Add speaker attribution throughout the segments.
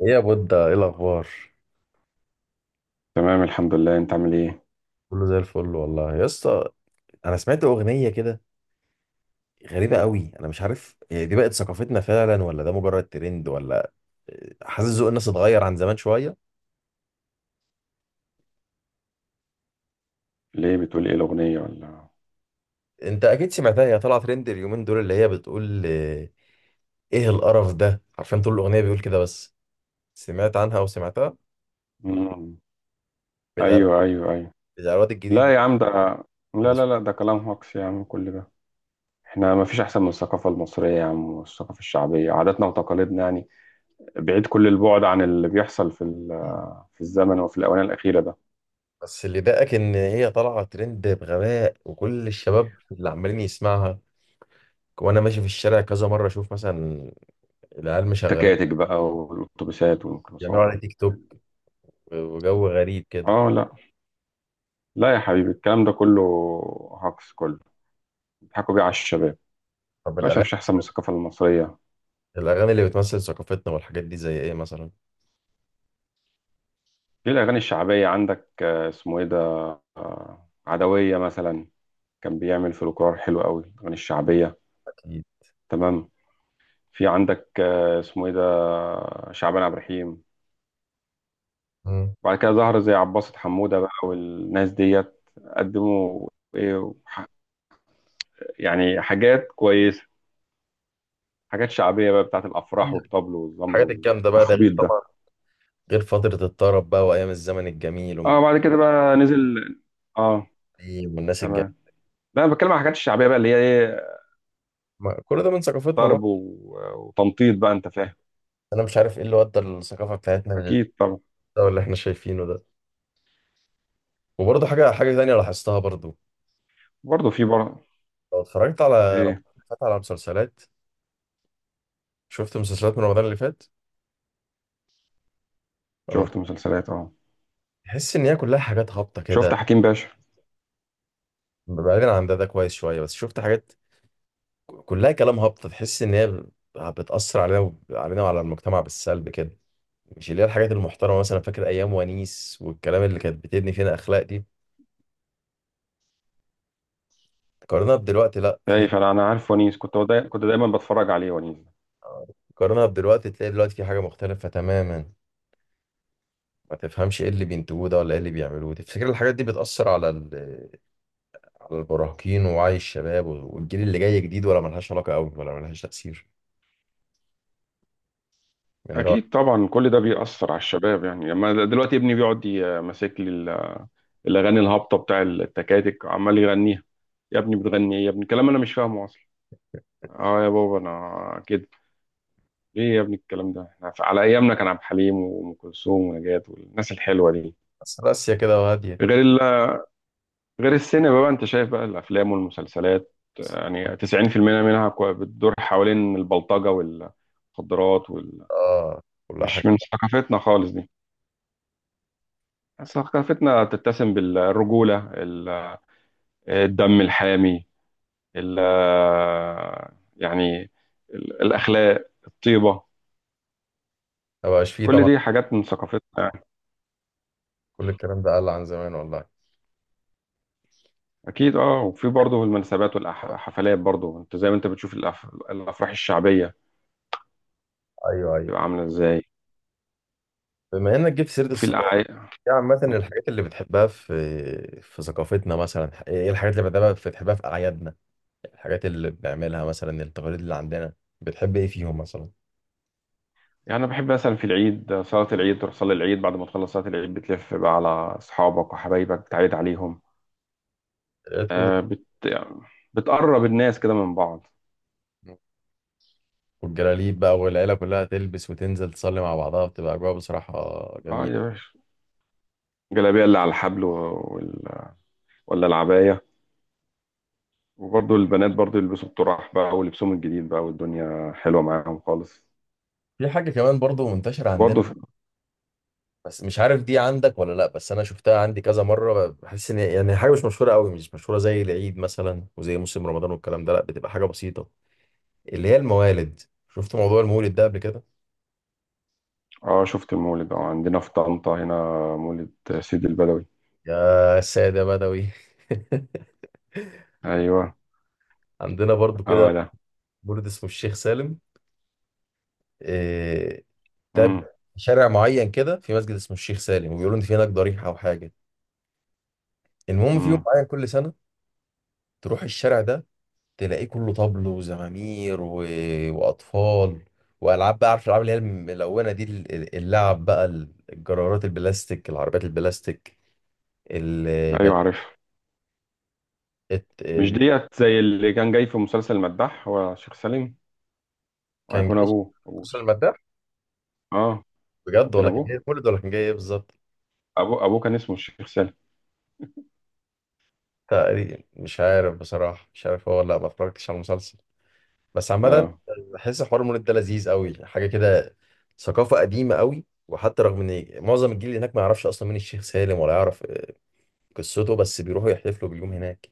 Speaker 1: ايه يا بودة، ايه الاخبار؟
Speaker 2: تمام الحمد لله، انت عامل ايه؟
Speaker 1: كله زي الفل والله يا اسطى. انا سمعت اغنيه كده غريبه قوي. انا مش عارف هي دي بقت ثقافتنا فعلا ولا ده مجرد ترند، ولا حاسس ذوق الناس اتغير عن زمان شويه.
Speaker 2: ليه بتقول ايه الاغنيه ولا
Speaker 1: انت اكيد سمعتها، هي طلعت ترند اليومين دول، اللي هي بتقول ايه القرف ده. عارفين طول الاغنيه بيقول كده بس. سمعت عنها وسمعتها.
Speaker 2: مم.
Speaker 1: بتاع
Speaker 2: ايوه ايوه ايوه.
Speaker 1: بتاع الواد الجديد ده،
Speaker 2: لا يا عم ده،
Speaker 1: اللي
Speaker 2: لا لا لا
Speaker 1: اسمه-
Speaker 2: ده كلام هوكس يا عم كل ده. احنا ما فيش احسن من الثقافه المصريه يا عم، والثقافه الشعبيه عاداتنا وتقاليدنا يعني. بعيد كل البعد عن اللي بيحصل في الزمن وفي الاونه الاخيره ده.
Speaker 1: بس اللي ضايقك ان هي طالعه ترند بغباء، وكل الشباب اللي عمالين يسمعها. وانا ماشي في الشارع كذا مره اشوف مثلا العيال مشغلين
Speaker 2: تكاتك بقى والاتوبيسات
Speaker 1: بيعملوا
Speaker 2: والميكروباصات.
Speaker 1: على تيك توك وجو غريب كده.
Speaker 2: اه لا، لا يا حبيبي الكلام ده كله هوكس كله، بيضحكوا بيه على الشباب يا
Speaker 1: طب
Speaker 2: باشا. ما
Speaker 1: الأغاني،
Speaker 2: فيش احسن من الثقافه المصريه.
Speaker 1: الأغاني اللي بتمثل ثقافتنا والحاجات دي زي إيه مثلا؟
Speaker 2: في الأغاني الشعبية عندك، اسمه إيه ده، عدوية مثلا، كان بيعمل فلكلور حلو قوي، الأغاني الشعبية.
Speaker 1: أكيد.
Speaker 2: تمام. في عندك اسمه إيه ده، شعبان عبد الرحيم.
Speaker 1: مم.
Speaker 2: وبعد كده ظهر زي عباسة حمودة بقى والناس ديت، قدموا إيه ح- يعني حاجات كويسة، حاجات شعبية بقى، بتاعت الأفراح والطبل والزمر
Speaker 1: الحاجات الجامدة بقى ده، غير
Speaker 2: والتخبيط ده.
Speaker 1: طبعا غير فترة الطرب بقى وأيام الزمن الجميل وأم
Speaker 2: اه
Speaker 1: كلثوم
Speaker 2: بعد كده بقى نزل، اه.
Speaker 1: والناس
Speaker 2: تمام.
Speaker 1: الجميلة.
Speaker 2: لا انا بتكلم عن الحاجات الشعبيه بقى، اللي هي ايه،
Speaker 1: كل ده من ثقافتنا برضه.
Speaker 2: ضرب وتنطيط بقى، انت فاهم.
Speaker 1: أنا مش عارف إيه اللي ودى الثقافة بتاعتنا
Speaker 2: اكيد
Speaker 1: للمستوى
Speaker 2: طبعا.
Speaker 1: اللي إحنا شايفينه ده. وبرضه حاجة تانية لاحظتها برضه،
Speaker 2: برضه في برضه.
Speaker 1: لو اتفرجت على
Speaker 2: ايه،
Speaker 1: رمضان اللي فات على مسلسلات. شفت مسلسلات من رمضان اللي فات ولا
Speaker 2: شفت
Speaker 1: ما؟
Speaker 2: مسلسلات، اه.
Speaker 1: تحس ان هي كلها حاجات هابطه كده.
Speaker 2: شفت حكيم باشا.
Speaker 1: بعيدا عن ده، ده كويس شويه، بس شفت حاجات كلها كلام هابط. تحس ان هي بتأثر علينا علينا وعلى المجتمع بالسلب كده، مش اللي هي الحاجات المحترمة. مثلا فاكر ايام ونيس والكلام اللي كانت بتبني فينا اخلاق دي؟ قارنها بدلوقتي، لا
Speaker 2: ايه،
Speaker 1: في،
Speaker 2: فانا انا عارف ونيس، كنت كنت دايما بتفرج عليه ونيس.
Speaker 1: قارنها بدلوقتي تلاقي دلوقتي في حاجة مختلفة تماما. ما تفهمش ايه اللي بينتجوه ده ولا ايه اللي بيعملوه. تفتكر الحاجات دي بتأثر على المراهقين ووعي الشباب والجيل اللي جاي جديد، ولا ملهاش علاقة قوي ولا ملهاش تأثير؟ يعني رأ-
Speaker 2: اكيد طبعا كل ده بيأثر على الشباب. يعني لما دلوقتي ابني بيقعد ماسك لي الاغاني الهابطه بتاع التكاتك، عمال يغنيها. يا ابني بتغني ايه يا ابني، كلام انا مش فاهمه اصلا. اه يا بابا انا كده. ايه يا ابني الكلام ده، احنا على ايامنا كان عبد الحليم وام كلثوم ونجاة والناس الحلوه دي.
Speaker 1: بس راسية كده وهادية.
Speaker 2: غير ال- غير السينما بقى، انت شايف بقى الافلام والمسلسلات يعني 90% منها كو- بتدور حوالين البلطجه والمخدرات وال...
Speaker 1: اه، كلها حاجة.
Speaker 2: مش من ثقافتنا خالص دي. ثقافتنا تتسم بالرجوله، الدم الحامي، ال... يعني، الاخلاق الطيبه،
Speaker 1: ما بقاش فيه
Speaker 2: كل
Speaker 1: طبعا.
Speaker 2: دي حاجات من ثقافتنا يعني.
Speaker 1: كل الكلام ده قل عن زمان والله.
Speaker 2: اكيد اه. وفي برضه المناسبات والحفلات برضه، انت زي ما انت بتشوف الافراح الشعبيه
Speaker 1: ايوه، ايوه.
Speaker 2: بتبقى عامله ازاي،
Speaker 1: بما انك جبت سيره
Speaker 2: وفي
Speaker 1: الثقافه،
Speaker 2: الاعياد.
Speaker 1: يعني عامه الحاجات اللي بتحبها في ثقافتنا مثلا ايه؟ إيه الحاجات اللي بتحبها في اعيادنا؟ الحاجات اللي بنعملها مثلا، التقاليد اللي عندنا، بتحب ايه فيهم مثلا؟
Speaker 2: يعني أنا بحب مثلا في العيد صلاة العيد، تروح تصلي العيد، بعد ما تخلص صلاة العيد بتلف بقى على أصحابك وحبايبك بتعيد عليهم.
Speaker 1: العيد كله،
Speaker 2: يعني بتقرب الناس كده من بعض.
Speaker 1: والجلاليب بقى والعيله كلها تلبس وتنزل تصلي مع بعضها، بتبقى اجواء بصراحه
Speaker 2: اه
Speaker 1: جميله.
Speaker 2: يا باشا، الجلابية اللي على الحبل وال... ولا العباية. وبرضه البنات برضه يلبسوا الطرح بقى ولبسهم الجديد بقى، والدنيا حلوة معاهم خالص.
Speaker 1: في حاجه كمان برضو منتشره عندنا،
Speaker 2: وبرضه في...
Speaker 1: بس مش عارف دي عندك ولا لا. بس انا شفتها عندي كذا مره، بحس ان يعني حاجه مش مشهوره قوي، مش مشهوره زي العيد مثلا وزي موسم رمضان والكلام ده. لا، بتبقى حاجه بسيطه، اللي هي الموالد. شفت موضوع المولد ده قبل كده؟
Speaker 2: اه شفت المولد، اه عندنا في طنطا هنا، مولد سيدي البدوي.
Speaker 1: يا سادة بدوي.
Speaker 2: ايوه.
Speaker 1: عندنا برضو
Speaker 2: اه
Speaker 1: كده
Speaker 2: ده.
Speaker 1: مولد اسمه الشيخ سالم. إيه، ده ب-
Speaker 2: امم
Speaker 1: شارع معين كده في مسجد اسمه الشيخ سالم، وبيقولوا ان في هناك ضريحة او حاجة. المهم في يوم
Speaker 2: امم.
Speaker 1: معين كل سنة تروح الشارع ده، تلاقيه كله طبل وزمامير، و... واطفال، والعاب بقى. عارف الالعاب اللي هي الملونة دي، اللعب بقى، الجرارات البلاستيك، العربيات البلاستيك، ال... بل-
Speaker 2: ايوه عارف.
Speaker 1: الت-
Speaker 2: مش ديت زي اللي كان جاي في مسلسل المداح، هو شيخ سالم،
Speaker 1: كان
Speaker 2: وهيكون
Speaker 1: جاي
Speaker 2: ابوه.
Speaker 1: خصوصا المادة
Speaker 2: اه
Speaker 1: بجد،
Speaker 2: يمكن
Speaker 1: ولا كان
Speaker 2: ابوه.
Speaker 1: جاي مولد، ولا كان جاي ايه بالظبط؟
Speaker 2: ابوه كان اسمه الشيخ سالم.
Speaker 1: تقريبا مش عارف بصراحة، مش عارف هو ولا لا، ما اتفرجتش على المسلسل. بس عامة
Speaker 2: اه
Speaker 1: بحس حوار المولد ده لذيذ قوي، حاجة كده ثقافة قديمة قوي. وحتى رغم ان معظم الجيل اللي هناك ما يعرفش اصلا مين الشيخ سالم ولا يعرف قصته، بس بيروحوا يحتفلوا باليوم هناك.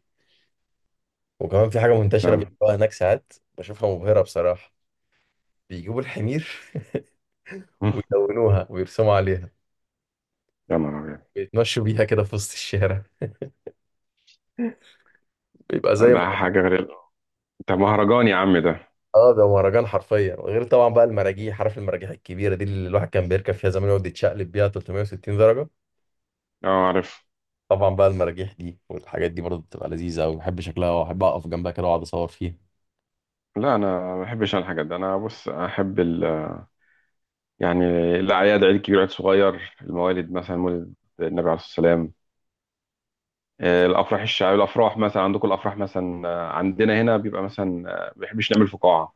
Speaker 1: وكمان في حاجة منتشرة
Speaker 2: تمام.
Speaker 1: بيعملوها هناك ساعات بشوفها مبهرة بصراحة. بيجيبوا الحمير ويلونوها ويرسموا عليها،
Speaker 2: يا نهار
Speaker 1: بيتمشوا بيها كده في وسط الشارع. بيبقى
Speaker 2: ابيض،
Speaker 1: زي،
Speaker 2: ده حاجه غير، ده مهرجان يا عم ده.
Speaker 1: اه، ده مهرجان حرفيا. غير طبعا بقى المراجيح، عارف المراجيح الكبيره دي اللي الواحد كان بيركب فيها زمان يقعد يتشقلب بيها 360 درجه.
Speaker 2: اه عارف.
Speaker 1: طبعا بقى المراجيح دي والحاجات دي برضه بتبقى لذيذه قوي. بحب شكلها وأحب اقف جنبها كده واقعد اصور فيها.
Speaker 2: لا انا ما بحبش أنا الحاجات دي. انا بص احب ال... يعني الاعياد، عيد كبير، عيد صغير، الموالد مثلا مولد النبي عليه الصلاه والسلام، الافراح الشعبيه. الافراح مثلا عندكم، الافراح مثلا عندنا هنا بيبقى مثلا، ما بيحبش نعمل فقاعه،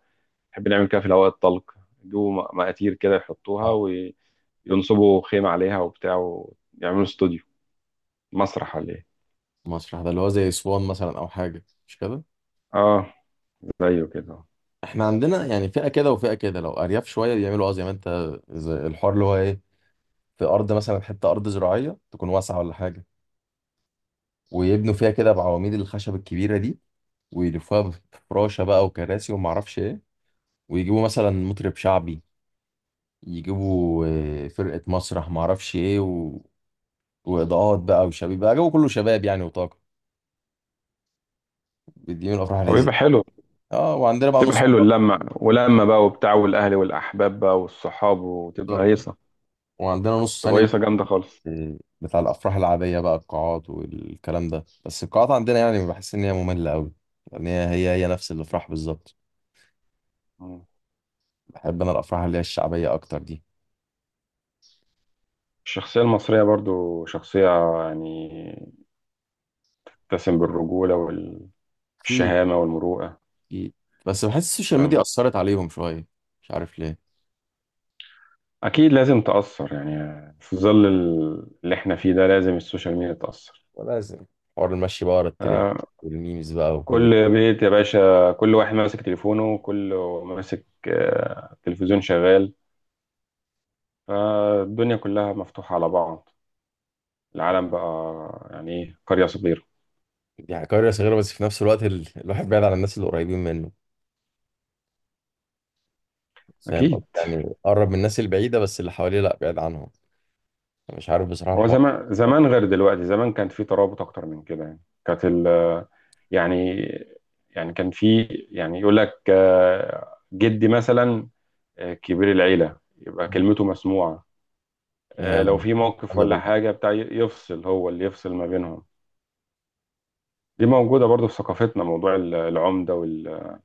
Speaker 2: نحب نعمل كده في الهواء الطلق. يجيبوا مقاتير كده يحطوها،
Speaker 1: آه.
Speaker 2: وينصبوا خيمة عليها وبتاع، ويعملوا استوديو، مسرح ولا ايه.
Speaker 1: مسرح، ده اللي هو زي اسوان مثلا او حاجه مش كده؟
Speaker 2: اه زيه كده.
Speaker 1: احنا عندنا يعني فئه كده وفئه كده. لو ارياف شويه بيعملوا اه زي ما انت، زي الحوار اللي هو ايه، في ارض مثلا، حته ارض زراعيه تكون واسعه ولا حاجه، ويبنوا فيها كده بعواميد الخشب الكبيره دي، ويلفوها بفراشه بقى وكراسي وما اعرفش ايه. ويجيبوا مثلا مطرب شعبي، يجيبوا فرقة مسرح معرفش ايه، و... وإضاءات بقى، وشباب بقى جو كله شباب يعني، وطاقة. بيديهم الأفراح
Speaker 2: هو
Speaker 1: اللذيذة.
Speaker 2: بيبقى حلو،
Speaker 1: اه، وعندنا بقى
Speaker 2: بتبقى
Speaker 1: نص،
Speaker 2: حلو اللمة، ولمة بقى وبتاع، والأهل والأحباب بقى والصحاب، وتبقى هيصة،
Speaker 1: وعندنا نص
Speaker 2: تبقى
Speaker 1: ثاني بقى
Speaker 2: هيصة جامدة خالص.
Speaker 1: بتاع الأفراح العادية بقى، القاعات والكلام ده. بس القاعات عندنا يعني بحس إن هي مملة أوي، يعني هي نفس الأفراح بالظبط.
Speaker 2: مم.
Speaker 1: بحب أنا الأفراح اللي هي الشعبية أكتر دي.
Speaker 2: الشخصية المصرية برضو شخصية يعني تسم بالرجولة
Speaker 1: أكيد.
Speaker 2: والشهامة والمروءة.
Speaker 1: أكيد. بس بحس السوشيال ميديا
Speaker 2: تمام.
Speaker 1: أثرت عليهم شوية، مش عارف ليه.
Speaker 2: أكيد لازم تأثر يعني، في ظل اللي احنا فيه ده لازم السوشيال ميديا تأثر.
Speaker 1: ولازم حوار المشي بقى ورا الترند
Speaker 2: آه،
Speaker 1: والميمز بقى وكل.
Speaker 2: كل بيت يا باشا كل واحد ماسك تليفونه، كله ماسك، تلفزيون شغال، فالدنيا كلها مفتوحة على بعض. العالم بقى يعني ايه، قرية صغيرة.
Speaker 1: يعني قرية صغيرة، بس في نفس الوقت ال... الواحد بعيد عن الناس اللي قريبين منه. فاهم قصدي؟
Speaker 2: أكيد.
Speaker 1: يعني قرب من الناس البعيدة، بس اللي حواليه لا، بعيد عنهم. مش عارف بصراحة
Speaker 2: هو
Speaker 1: الحوار
Speaker 2: زمان
Speaker 1: ولا.
Speaker 2: زمان غير دلوقتي، زمان كان في ترابط أكتر من كده. يعني كانت ال يعني، يعني كان في، يعني يقول لك جدي مثلا، كبير العيلة يبقى كلمته مسموعة، لو
Speaker 1: يا-
Speaker 2: في موقف
Speaker 1: الحمد
Speaker 2: ولا
Speaker 1: لله.
Speaker 2: حاجة بتاع يفصل، هو اللي يفصل ما بينهم. دي موجودة برضو في ثقافتنا، موضوع العمدة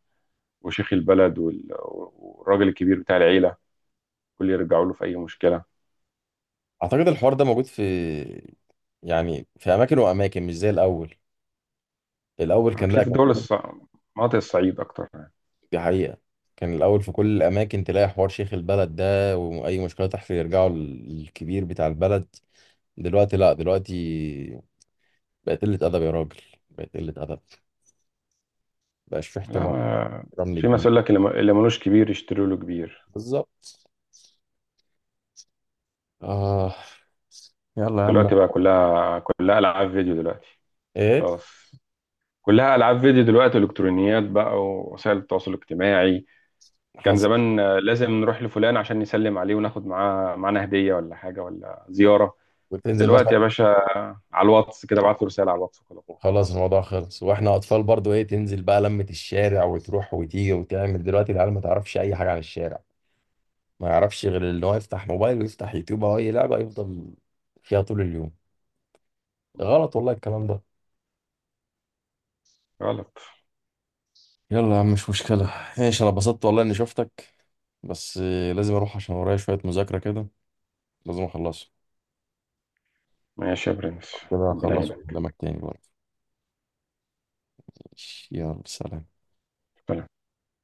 Speaker 2: وشيخ البلد والراجل الكبير بتاع العيلة، كل يرجعوا له في أي مشكلة.
Speaker 1: أعتقد الحوار ده موجود في يعني في أماكن وأماكن، مش زي الأول. الأول كان
Speaker 2: هتلاقيه
Speaker 1: لا،
Speaker 2: في
Speaker 1: كان كل،
Speaker 2: مناطق الصعيد أكتر يعني.
Speaker 1: دي حقيقة. كان الأول في كل الأماكن تلاقي حوار شيخ البلد ده، وأي مشكلة تحصل يرجعوا للكبير بتاع البلد. دلوقتي لا، دلوقتي بقت قلة أدب يا راجل، بقت قلة أدب، مبقاش في
Speaker 2: لا
Speaker 1: احترام،
Speaker 2: ما...
Speaker 1: احترام
Speaker 2: في مثل
Speaker 1: للجيل.
Speaker 2: يقول لك اللي اللي ملوش كبير يشتروا له كبير.
Speaker 1: بالظبط. آه. يلا يا عم.
Speaker 2: دلوقتي بقى كلها ألعاب فيديو دلوقتي،
Speaker 1: إيه
Speaker 2: خلاص. كلها ألعاب فيديو دلوقتي وإلكترونيات بقى ووسائل التواصل الاجتماعي. كان
Speaker 1: حصل.
Speaker 2: زمان لازم نروح لفلان عشان نسلم عليه وناخد معاه معانا هدية ولا حاجة ولا زيارة.
Speaker 1: وتنزل
Speaker 2: دلوقتي
Speaker 1: مثلا.
Speaker 2: يا باشا على الواتس كده، ابعت له رسالة على الواتس وخلاص.
Speaker 1: خلاص الموضوع خلص. واحنا اطفال برضو ايه، تنزل بقى لمة الشارع وتروح وتيجي وتعمل. دلوقتي العيال ما تعرفش اي حاجة عن الشارع، ما يعرفش غير ان هو يفتح موبايل ويفتح يوتيوب او اي لعبة يفضل فيها طول اليوم. غلط والله الكلام ده.
Speaker 2: غلط.
Speaker 1: يلا يا عم مش مشكلة. ماشي، انا اتبسطت والله اني شفتك. بس لازم اروح عشان ورايا شوية مذاكرة كده، لازم اخلصها.
Speaker 2: ماشي يا برنس،
Speaker 1: كده
Speaker 2: ربنا
Speaker 1: هخلص
Speaker 2: يعينك.
Speaker 1: وأكلمك تاني برضه. ماشي، يلا سلام.